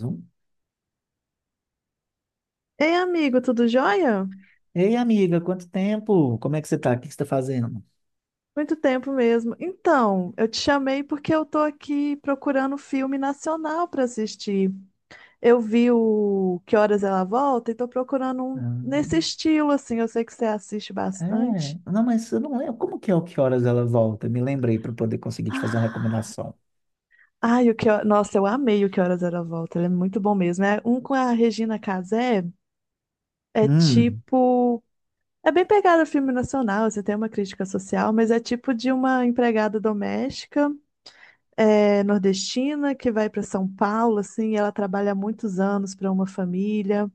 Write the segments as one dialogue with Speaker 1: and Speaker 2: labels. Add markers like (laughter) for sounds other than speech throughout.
Speaker 1: Zoom.
Speaker 2: Ei, amigo, tudo jóia?
Speaker 1: Ei, amiga, quanto tempo? Como é que você tá? O que que você tá fazendo?
Speaker 2: Muito tempo mesmo. Então, eu te chamei porque eu tô aqui procurando um filme nacional para assistir. Eu vi o Que Horas Ela Volta e tô procurando um nesse
Speaker 1: Ah,
Speaker 2: estilo, assim. Eu sei que você assiste bastante.
Speaker 1: é, não, mas eu não lembro. Como que é o que horas ela volta? Me lembrei para poder conseguir te fazer uma
Speaker 2: (gasps) ah
Speaker 1: recomendação.
Speaker 2: Ai, o que... Ho- Nossa, eu amei o Que Horas Ela Volta. Ele é muito bom mesmo. É um com a Regina Casé. é
Speaker 1: Hum,
Speaker 2: tipo... É bem pegado filme nacional, você tem uma crítica social, mas é tipo de uma empregada doméstica é nordestina que vai para São Paulo, assim, ela trabalha há muitos anos para uma família.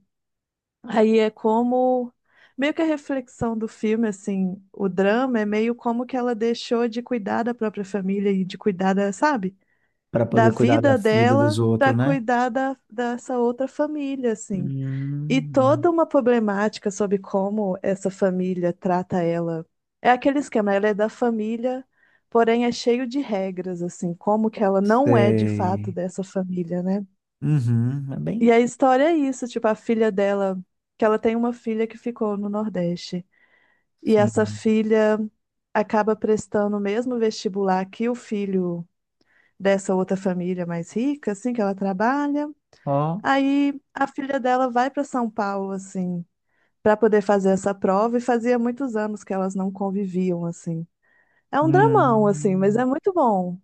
Speaker 2: Aí é como meio que a reflexão do filme, assim, o drama é meio como que ela deixou de cuidar da própria família e de cuidar da, sabe,
Speaker 1: para
Speaker 2: da
Speaker 1: poder cuidar da
Speaker 2: vida
Speaker 1: vida dos
Speaker 2: dela para
Speaker 1: outros, né?
Speaker 2: cuidar dessa outra família, assim. E
Speaker 1: Hum,
Speaker 2: toda uma problemática sobre como essa família trata ela. É aquele esquema, ela é da família, porém é cheio de regras, assim, como que ela não é de fato
Speaker 1: sei.
Speaker 2: dessa família, né?
Speaker 1: Uhum, é
Speaker 2: E
Speaker 1: bem,
Speaker 2: a história é isso, tipo, a filha dela, que ela tem uma filha que ficou no Nordeste. E essa
Speaker 1: sim.
Speaker 2: filha acaba prestando o mesmo vestibular que o filho dessa outra família mais rica, assim, que ela trabalha.
Speaker 1: Ó,
Speaker 2: Aí a filha dela vai para São Paulo, assim, para poder fazer essa prova, e fazia muitos anos que elas não conviviam, assim. É um dramão assim, mas
Speaker 1: hum.
Speaker 2: é muito bom.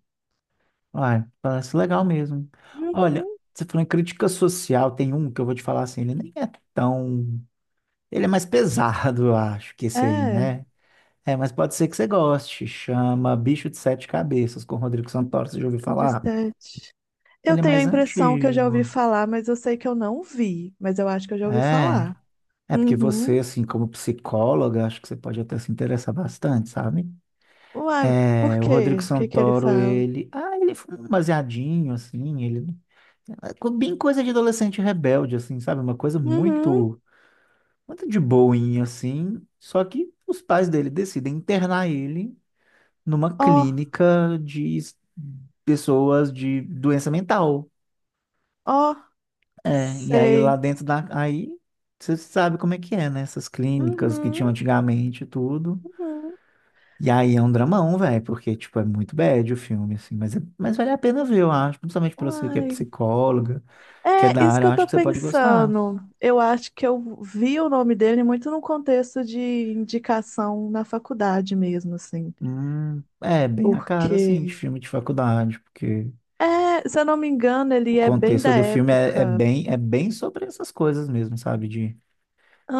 Speaker 1: Ai, parece legal mesmo. Olha,
Speaker 2: Uhum.
Speaker 1: você falou em crítica social, tem um que eu vou te falar assim, ele nem é tão. Ele é mais pesado, eu acho, que esse aí,
Speaker 2: É,
Speaker 1: né? É, mas pode ser que você goste. Chama Bicho de Sete Cabeças, com Rodrigo Santoro, você já ouviu
Speaker 2: o de
Speaker 1: falar?
Speaker 2: sete Eu
Speaker 1: Ele é
Speaker 2: tenho a
Speaker 1: mais
Speaker 2: impressão que eu já ouvi
Speaker 1: antigo.
Speaker 2: falar, mas eu sei que eu não vi, mas eu acho que eu já ouvi
Speaker 1: É,
Speaker 2: falar.
Speaker 1: é porque você,
Speaker 2: Uhum.
Speaker 1: assim, como psicóloga, acho que você pode até se interessar bastante, sabe?
Speaker 2: Uai, por
Speaker 1: É, o Rodrigo
Speaker 2: quê? O que que ele
Speaker 1: Santoro,
Speaker 2: fala?
Speaker 1: ele. Ah, ele foi um baseadinho, assim, ele. É bem coisa de adolescente rebelde, assim, sabe? Uma coisa
Speaker 2: Uhum.
Speaker 1: muito, muito de boinha, assim. Só que os pais dele decidem internar ele numa
Speaker 2: Ó,
Speaker 1: clínica de pessoas de doença mental,
Speaker 2: ó,
Speaker 1: né? E aí lá
Speaker 2: sei.
Speaker 1: dentro da. Aí você sabe como é que é, né? Essas clínicas que tinham
Speaker 2: Uhum,
Speaker 1: antigamente e tudo.
Speaker 2: uhum.
Speaker 1: E aí é um dramão, velho, porque, tipo, é muito bad o filme, assim. Mas vale a pena ver, eu acho. Principalmente pra você que é
Speaker 2: Uai.
Speaker 1: psicóloga, que é
Speaker 2: É
Speaker 1: da
Speaker 2: isso
Speaker 1: área,
Speaker 2: que
Speaker 1: eu
Speaker 2: eu
Speaker 1: acho
Speaker 2: tô
Speaker 1: que você pode gostar.
Speaker 2: pensando. Eu acho que eu vi o nome dele muito no contexto de indicação na faculdade mesmo, assim.
Speaker 1: É bem a cara, assim, de
Speaker 2: Porque,
Speaker 1: filme de faculdade, porque
Speaker 2: é, se eu não me engano,
Speaker 1: o
Speaker 2: ele é bem
Speaker 1: contexto
Speaker 2: da
Speaker 1: do filme é, é
Speaker 2: época.
Speaker 1: bem, é bem sobre essas coisas mesmo, sabe? De,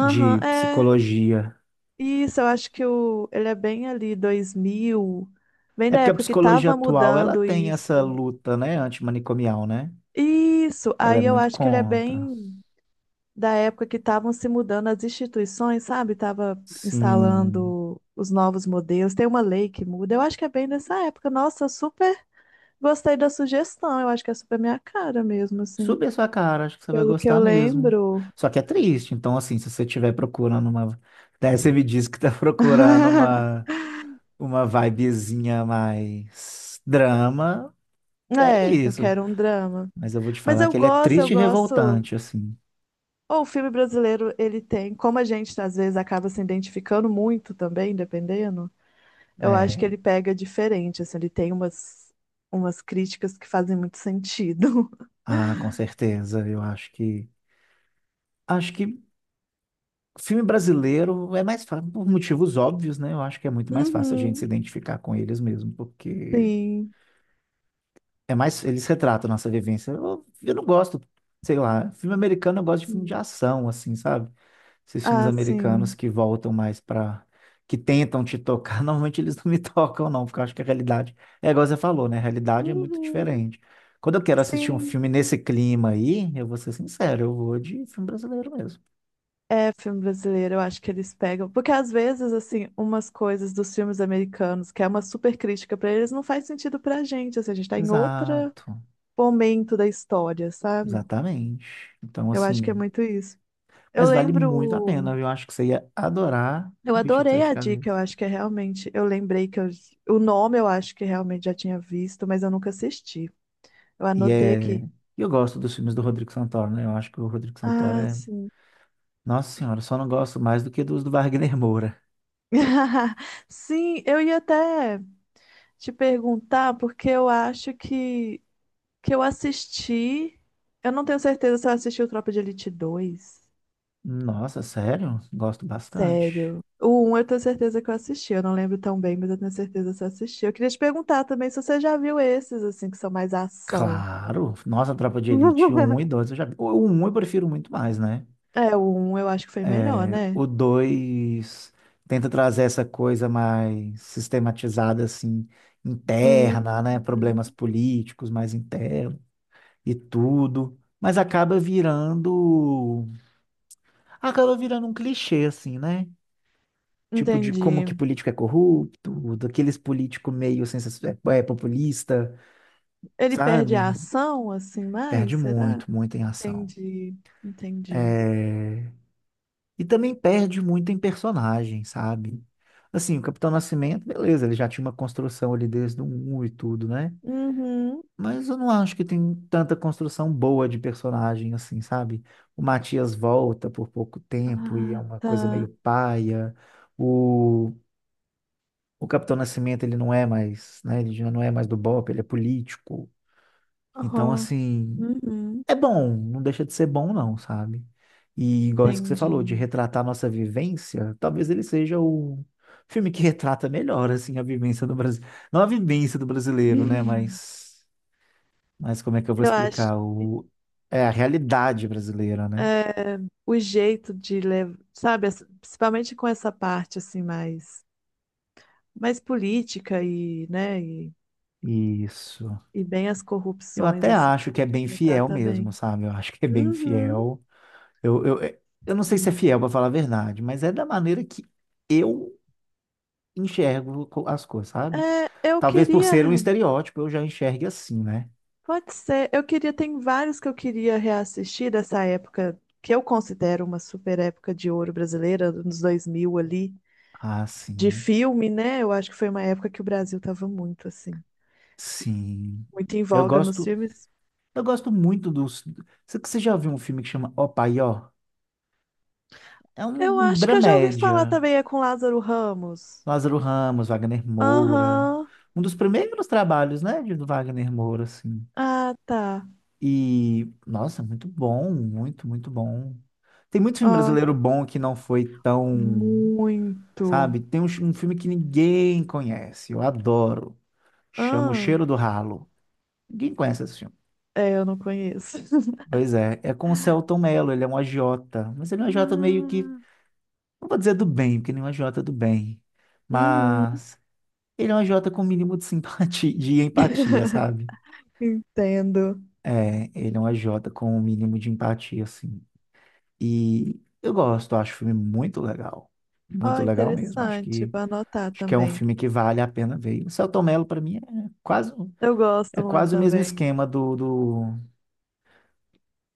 Speaker 2: Aham, é.
Speaker 1: psicologia.
Speaker 2: Isso, eu acho que ele é bem ali, 2000. Bem
Speaker 1: É
Speaker 2: da
Speaker 1: porque a
Speaker 2: época que
Speaker 1: psicologia
Speaker 2: tava
Speaker 1: atual, ela
Speaker 2: mudando
Speaker 1: tem essa
Speaker 2: isso.
Speaker 1: luta, né, antimanicomial, né?
Speaker 2: Isso,
Speaker 1: Ela é
Speaker 2: aí eu
Speaker 1: muito
Speaker 2: acho que ele é
Speaker 1: contra.
Speaker 2: bem da época que estavam se mudando as instituições, sabe? Estava
Speaker 1: Sim.
Speaker 2: instalando os novos modelos, tem uma lei que muda. Eu acho que é bem dessa época. Nossa, eu super gostei da sugestão. Eu acho que é super minha cara mesmo, assim.
Speaker 1: Suba a sua cara, acho que você vai
Speaker 2: Pelo que eu
Speaker 1: gostar mesmo.
Speaker 2: lembro.
Speaker 1: Só que é triste, então assim, se você estiver procurando uma. Daí você me disse que tá (laughs) procurando
Speaker 2: (laughs)
Speaker 1: uma vibezinha mais drama, é
Speaker 2: É, eu
Speaker 1: isso.
Speaker 2: quero um drama.
Speaker 1: Mas eu vou te
Speaker 2: Mas
Speaker 1: falar
Speaker 2: eu
Speaker 1: que ele é
Speaker 2: gosto, eu
Speaker 1: triste e
Speaker 2: gosto.
Speaker 1: revoltante, assim.
Speaker 2: Ou o filme brasileiro, ele tem, como a gente às vezes acaba se identificando muito também, dependendo, eu acho que
Speaker 1: É,
Speaker 2: ele pega diferente, assim, ele tem umas críticas que fazem muito sentido.
Speaker 1: ah, com certeza, eu acho que filme brasileiro é mais fácil, por motivos óbvios, né? Eu acho que é muito mais fácil a gente se
Speaker 2: Uhum,
Speaker 1: identificar com eles mesmo, porque
Speaker 2: sim.
Speaker 1: é mais, eles retratam a nossa vivência. Eu não gosto, sei lá, filme americano eu gosto de filme de ação, assim, sabe? Esses filmes
Speaker 2: Ah,
Speaker 1: americanos
Speaker 2: sim.
Speaker 1: que voltam mais pra, que tentam te tocar, (laughs) normalmente eles não me tocam, não, porque eu acho que a realidade, é igual você falou, né? A realidade é muito
Speaker 2: Uhum.
Speaker 1: diferente. Quando eu quero assistir um
Speaker 2: Sim.
Speaker 1: filme nesse clima aí, eu vou ser sincero, eu vou de filme brasileiro mesmo.
Speaker 2: É filme brasileiro, eu acho que eles pegam. Porque às vezes, assim, umas coisas dos filmes americanos, que é uma super crítica pra eles, não faz sentido pra gente. Assim, a gente tá em outro
Speaker 1: Exato.
Speaker 2: momento da história, sabe?
Speaker 1: Exatamente. Então,
Speaker 2: Eu acho que é
Speaker 1: assim,
Speaker 2: muito isso. Eu
Speaker 1: mas vale muito a
Speaker 2: lembro.
Speaker 1: pena, viu? Eu acho que você ia adorar
Speaker 2: Eu
Speaker 1: O Bicho de
Speaker 2: adorei
Speaker 1: Sete
Speaker 2: a dica, eu
Speaker 1: Cabeças.
Speaker 2: acho que é realmente. Eu lembrei o nome eu acho que realmente já tinha visto, mas eu nunca assisti. Eu
Speaker 1: E
Speaker 2: anotei
Speaker 1: é,
Speaker 2: aqui.
Speaker 1: e eu gosto dos filmes do Rodrigo Santoro, né? Eu acho que o Rodrigo Santoro
Speaker 2: Ah,
Speaker 1: é,
Speaker 2: sim.
Speaker 1: nossa senhora, eu só não gosto mais do que dos do Wagner Moura.
Speaker 2: (laughs) Sim, eu ia até te perguntar, porque eu acho que eu assisti. Eu não tenho certeza se eu assisti o Tropa de Elite dois.
Speaker 1: Nossa, sério? Gosto bastante.
Speaker 2: Sério. O um eu tenho certeza que eu assisti. Eu não lembro tão bem, mas eu tenho certeza se eu assisti. Eu queria te perguntar também se você já viu esses, assim, que são mais ação.
Speaker 1: Claro. Nossa, Tropa de Elite um e
Speaker 2: (laughs)
Speaker 1: 2 eu já vi. O 1 eu prefiro muito mais, né?
Speaker 2: É, o um eu acho que foi melhor, né?
Speaker 1: O 2 tenta trazer essa coisa mais sistematizada, assim,
Speaker 2: Hum,
Speaker 1: interna, né? Problemas
Speaker 2: hum,
Speaker 1: políticos mais internos e tudo. Mas acaba virando. Acaba virando um clichê, assim, né? Tipo, de como
Speaker 2: entendi.
Speaker 1: que político é corrupto, daqueles político meio é populista,
Speaker 2: Ele perde a
Speaker 1: sabe?
Speaker 2: ação, assim,
Speaker 1: Perde
Speaker 2: mais? Será?
Speaker 1: muito, muito em ação.
Speaker 2: Entendi, entendi.
Speaker 1: É, e também perde muito em personagem, sabe? Assim, o Capitão Nascimento, beleza, ele já tinha uma construção ali desde o um e tudo, né?
Speaker 2: Uhum.
Speaker 1: Mas eu não acho que tem tanta construção boa de personagem assim, sabe? O Matias volta por pouco tempo e é
Speaker 2: Ah,
Speaker 1: uma coisa meio
Speaker 2: tá.
Speaker 1: paia. O, o Capitão Nascimento, ele não é mais, né? Ele já não é mais do BOPE, ele é político. Então,
Speaker 2: Aham.
Speaker 1: assim,
Speaker 2: Uhum.
Speaker 1: é bom, não deixa de ser bom, não, sabe? E igual isso que você falou, de
Speaker 2: Entendi.
Speaker 1: retratar a nossa vivência, talvez ele seja o filme que (laughs) retrata melhor, assim, a vivência do Brasil. Não a vivência do brasileiro, né?
Speaker 2: Uhum.
Speaker 1: Mas como é que eu vou
Speaker 2: Eu acho
Speaker 1: explicar?
Speaker 2: que
Speaker 1: O. É a realidade brasileira, né?
Speaker 2: é o jeito de levar, sabe, principalmente com essa parte assim mais política e, né, e,
Speaker 1: Isso.
Speaker 2: e bem as
Speaker 1: Eu
Speaker 2: corrupções,
Speaker 1: até
Speaker 2: assim,
Speaker 1: acho que é bem fiel
Speaker 2: retrata
Speaker 1: mesmo,
Speaker 2: bem.
Speaker 1: sabe? Eu acho que é bem
Speaker 2: Uhum.
Speaker 1: fiel. Eu, eu, é- eu não sei se é
Speaker 2: Hum.
Speaker 1: fiel, pra falar a verdade, mas é da maneira que eu enxergo as coisas, sabe?
Speaker 2: É, eu
Speaker 1: Talvez por
Speaker 2: queria
Speaker 1: ser um estereótipo, eu já enxergue assim, né?
Speaker 2: Pode ser. Eu queria, tem vários que eu queria reassistir dessa época, que eu considero uma super época de ouro brasileira, nos 2000 ali,
Speaker 1: Ah,
Speaker 2: de
Speaker 1: sim,
Speaker 2: filme, né? Eu acho que foi uma época que o Brasil tava muito assim,
Speaker 1: sim.
Speaker 2: muito em
Speaker 1: Eu
Speaker 2: voga nos
Speaker 1: gosto,
Speaker 2: filmes.
Speaker 1: eu gosto muito dos. Você já viu um filme que chama Ó Pai Ó? É um,
Speaker 2: Eu
Speaker 1: um
Speaker 2: acho que eu já ouvi falar
Speaker 1: dramédia.
Speaker 2: também, é com Lázaro Ramos.
Speaker 1: Lázaro Ramos, Wagner Moura.
Speaker 2: Aham.
Speaker 1: Um dos primeiros trabalhos, né, de do Wagner Moura, assim.
Speaker 2: Ah, tá.
Speaker 1: E, nossa, muito bom, muito, muito bom. Tem muito filme
Speaker 2: Ó,
Speaker 1: brasileiro bom que não foi tão,
Speaker 2: muito.
Speaker 1: sabe? Tem um filme que ninguém conhece, eu adoro. Chama O
Speaker 2: Ah,
Speaker 1: Cheiro do Ralo. Ninguém conhece esse filme.
Speaker 2: é, eu não conheço. (laughs)
Speaker 1: Pois é, é com o Celton Mello, ele é um agiota, mas ele é um agiota meio que,
Speaker 2: Ah,
Speaker 1: não vou dizer do bem, porque ele é um agiota do bem,
Speaker 2: uhum.
Speaker 1: mas ele é um agiota com o mínimo de simpatia, de empatia,
Speaker 2: (laughs)
Speaker 1: sabe?
Speaker 2: Entendo.
Speaker 1: É, ele é um agiota com o mínimo de empatia, assim. E eu gosto, acho o filme
Speaker 2: Ó,
Speaker 1: muito legal mesmo, acho
Speaker 2: interessante,
Speaker 1: que,
Speaker 2: vou anotar
Speaker 1: acho que é um
Speaker 2: também.
Speaker 1: filme que vale a pena ver. E O Selton Mello, para mim, quase,
Speaker 2: Eu
Speaker 1: é
Speaker 2: gosto muito
Speaker 1: quase o mesmo
Speaker 2: também.
Speaker 1: esquema do do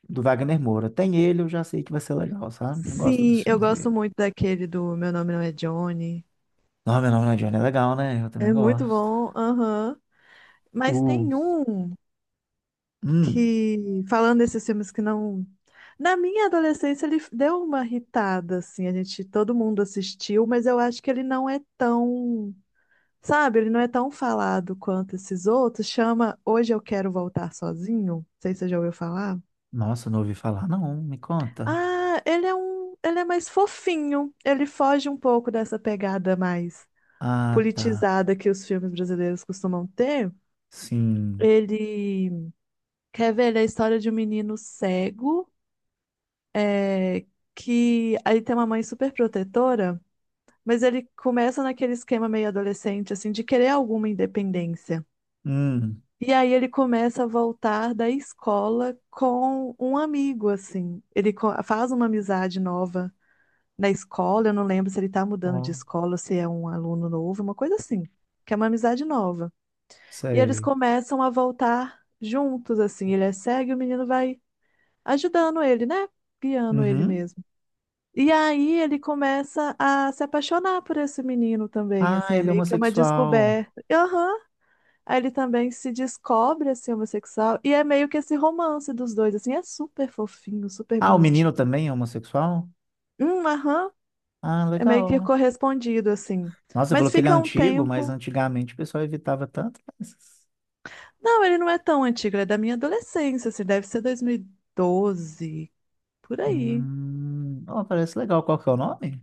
Speaker 1: do Wagner Moura. Tem ele, eu já sei que vai ser legal, sabe? Eu gosto dos
Speaker 2: Sim, eu
Speaker 1: filmes
Speaker 2: gosto
Speaker 1: dele.
Speaker 2: muito daquele do Meu Nome Não É Johnny.
Speaker 1: Não, meu nome não é Johnny, é legal, né? Eu também
Speaker 2: É muito
Speaker 1: gosto.
Speaker 2: bom, aham. Mas
Speaker 1: O.
Speaker 2: tem um
Speaker 1: Hum,
Speaker 2: que, falando desses filmes que não. Na minha adolescência, ele deu uma irritada, assim. A gente, todo mundo assistiu, mas eu acho que ele não é tão. Sabe, ele não é tão falado quanto esses outros. Chama Hoje Eu Quero Voltar Sozinho. Não sei se você já ouviu falar.
Speaker 1: nossa, não ouvi falar, não. Me conta.
Speaker 2: Ah, ele é mais fofinho. Ele foge um pouco dessa pegada mais
Speaker 1: Ah, tá.
Speaker 2: politizada que os filmes brasileiros costumam ter.
Speaker 1: Sim.
Speaker 2: Ele quer ver ele é a história de um menino cego, é, que aí tem uma mãe super protetora, mas ele começa naquele esquema meio adolescente, assim, de querer alguma independência.
Speaker 1: Hum,
Speaker 2: E aí ele começa a voltar da escola com um amigo, assim. Ele faz uma amizade nova na escola, eu não lembro se ele está mudando de
Speaker 1: ó,
Speaker 2: escola, ou se é um aluno novo, uma coisa assim, que é uma amizade nova. E eles
Speaker 1: sei.
Speaker 2: começam a voltar juntos, assim, ele é cego e o menino vai ajudando ele, né? Guiando ele
Speaker 1: Uhum.
Speaker 2: mesmo. E aí ele começa a se apaixonar por esse menino também, assim,
Speaker 1: Ah,
Speaker 2: é
Speaker 1: ele é
Speaker 2: meio que uma
Speaker 1: homossexual.
Speaker 2: descoberta. Aham. Aí ele também se descobre, assim, homossexual, e é meio que esse romance dos dois, assim, é super fofinho, super
Speaker 1: Ah, o menino
Speaker 2: bonitinho.
Speaker 1: também é homossexual?
Speaker 2: Aham.
Speaker 1: Ah,
Speaker 2: É meio que
Speaker 1: legal.
Speaker 2: correspondido, assim.
Speaker 1: Nossa, você falou
Speaker 2: Mas
Speaker 1: que ele é
Speaker 2: fica um
Speaker 1: antigo, mas
Speaker 2: tempo.
Speaker 1: antigamente o pessoal evitava tanto.
Speaker 2: Não, ele não é tão antigo, ele é da minha adolescência, assim, deve ser 2012, por aí.
Speaker 1: Ó, parece legal. Qual que é o nome?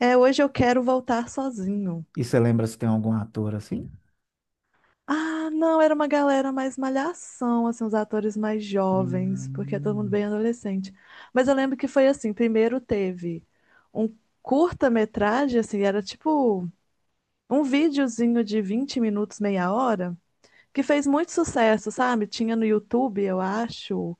Speaker 2: É, hoje eu quero voltar sozinho.
Speaker 1: E você lembra se tem algum ator assim?
Speaker 2: Ah, não, era uma galera mais malhação, assim, os atores mais jovens, porque é todo mundo
Speaker 1: Hum,
Speaker 2: bem adolescente. Mas eu lembro que foi assim, primeiro teve um curta-metragem, assim, era tipo um videozinho de 20 minutos, meia hora, que fez muito sucesso, sabe? Tinha no YouTube, eu acho,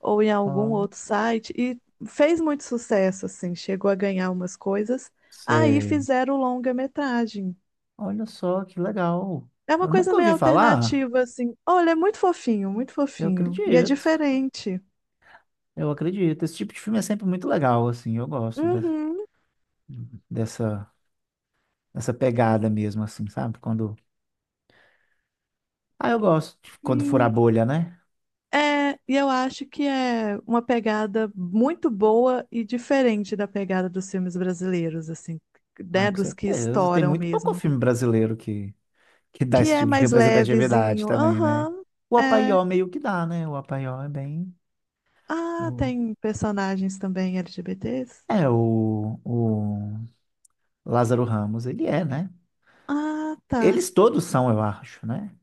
Speaker 2: ou em algum
Speaker 1: ó,
Speaker 2: outro site, e fez muito sucesso, assim, chegou a ganhar umas coisas. Aí
Speaker 1: sei.
Speaker 2: fizeram longa-metragem.
Speaker 1: Olha só que legal.
Speaker 2: É uma
Speaker 1: Eu
Speaker 2: coisa
Speaker 1: nunca
Speaker 2: meio
Speaker 1: ouvi falar.
Speaker 2: alternativa, assim. Olha, é muito fofinho, muito
Speaker 1: Eu
Speaker 2: fofinho. E é
Speaker 1: acredito.
Speaker 2: diferente.
Speaker 1: Eu acredito. Esse tipo de filme é sempre muito legal, assim. Eu gosto
Speaker 2: Uhum,
Speaker 1: dessa, dessa pegada mesmo, assim, sabe? Quando. Ah, eu gosto de quando fura a
Speaker 2: sim.
Speaker 1: bolha, né?
Speaker 2: É, e eu acho que é uma pegada muito boa e diferente da pegada dos filmes brasileiros, assim,
Speaker 1: Ah,
Speaker 2: né,
Speaker 1: com
Speaker 2: dos que
Speaker 1: certeza. Tem
Speaker 2: estouram
Speaker 1: muito pouco
Speaker 2: mesmo.
Speaker 1: filme brasileiro que dá
Speaker 2: Que
Speaker 1: esse
Speaker 2: é
Speaker 1: tipo de
Speaker 2: mais
Speaker 1: representatividade
Speaker 2: levezinho.
Speaker 1: também, né?
Speaker 2: Aham,
Speaker 1: O
Speaker 2: é.
Speaker 1: Apaió meio que dá, né? O Apaió é bem.
Speaker 2: Ah,
Speaker 1: o-
Speaker 2: tem personagens também LGBTs?
Speaker 1: É, o Lázaro Ramos, ele é, né?
Speaker 2: Ah, tá.
Speaker 1: Eles todos são, eu acho, né?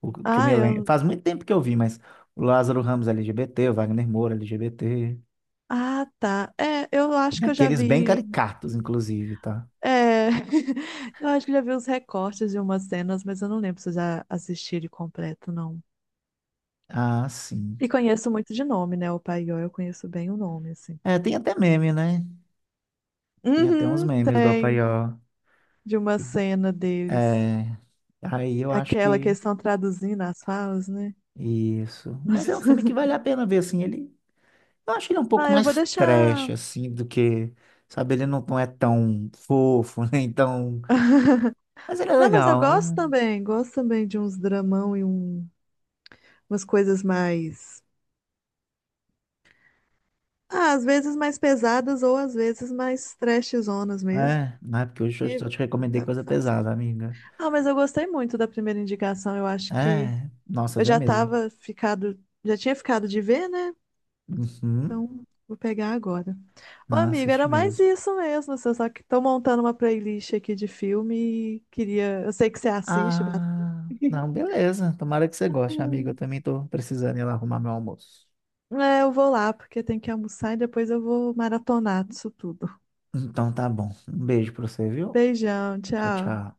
Speaker 1: O que eu
Speaker 2: Ah,
Speaker 1: me lembro.
Speaker 2: eu.
Speaker 1: Faz muito tempo que eu vi, mas o Lázaro Ramos é LGBT, o Wagner Moura é LGBT.
Speaker 2: Ah, tá. É, eu acho que eu já
Speaker 1: Daqueles bem
Speaker 2: vi.
Speaker 1: caricatos, inclusive, tá?
Speaker 2: É, (laughs) eu acho que já vi os recortes de umas cenas, mas eu não lembro se eu já assisti ele completo, não.
Speaker 1: Ah, sim.
Speaker 2: E conheço muito de nome, né? O Paió, eu conheço bem o nome, assim.
Speaker 1: É, tem até meme, né? Tem até uns
Speaker 2: Uhum,
Speaker 1: memes do
Speaker 2: tem.
Speaker 1: Apaió.
Speaker 2: De uma
Speaker 1: que-
Speaker 2: cena deles.
Speaker 1: É, aí eu acho
Speaker 2: Aquela que
Speaker 1: que
Speaker 2: eles estão traduzindo as falas, né?
Speaker 1: isso. Mas é um filme que
Speaker 2: (laughs)
Speaker 1: vale a pena ver, assim, ele. Eu acho ele um pouco
Speaker 2: Ah, eu vou
Speaker 1: mais trash,
Speaker 2: deixar.
Speaker 1: assim, do que. Sabe, ele não é tão fofo, (laughs) nem tão.
Speaker 2: (laughs)
Speaker 1: Mas ele é
Speaker 2: Não, mas eu
Speaker 1: legal.
Speaker 2: gosto também. Gosto também de uns dramão e umas coisas mais. Ah, às vezes mais pesadas ou às vezes mais trashzonas mesmo.
Speaker 1: É, não é porque hoje eu
Speaker 2: Que
Speaker 1: só te recomendei
Speaker 2: dá
Speaker 1: coisa
Speaker 2: pra fazer.
Speaker 1: pesada, amiga.
Speaker 2: Ah, mas eu gostei muito da primeira indicação. Eu acho que
Speaker 1: É, nossa,
Speaker 2: eu
Speaker 1: vê
Speaker 2: já
Speaker 1: mesmo.
Speaker 2: tava ficado. Já tinha ficado de ver, né?
Speaker 1: Uhum,
Speaker 2: Então vou pegar agora. Ô,
Speaker 1: não,
Speaker 2: amigo,
Speaker 1: assiste
Speaker 2: era mais
Speaker 1: mesmo.
Speaker 2: isso mesmo, assim. Só que tô montando uma playlist aqui de filme e queria. Eu sei que você assiste bastante.
Speaker 1: Ah, não, beleza. Tomara que você goste, amiga. Eu
Speaker 2: (laughs)
Speaker 1: também tô precisando ir lá arrumar meu almoço.
Speaker 2: É, eu vou lá, porque tem que almoçar e depois eu vou maratonar disso tudo.
Speaker 1: Então tá bom. Um beijo pra você, viu?
Speaker 2: Beijão,
Speaker 1: Tchau,
Speaker 2: tchau.
Speaker 1: tchau.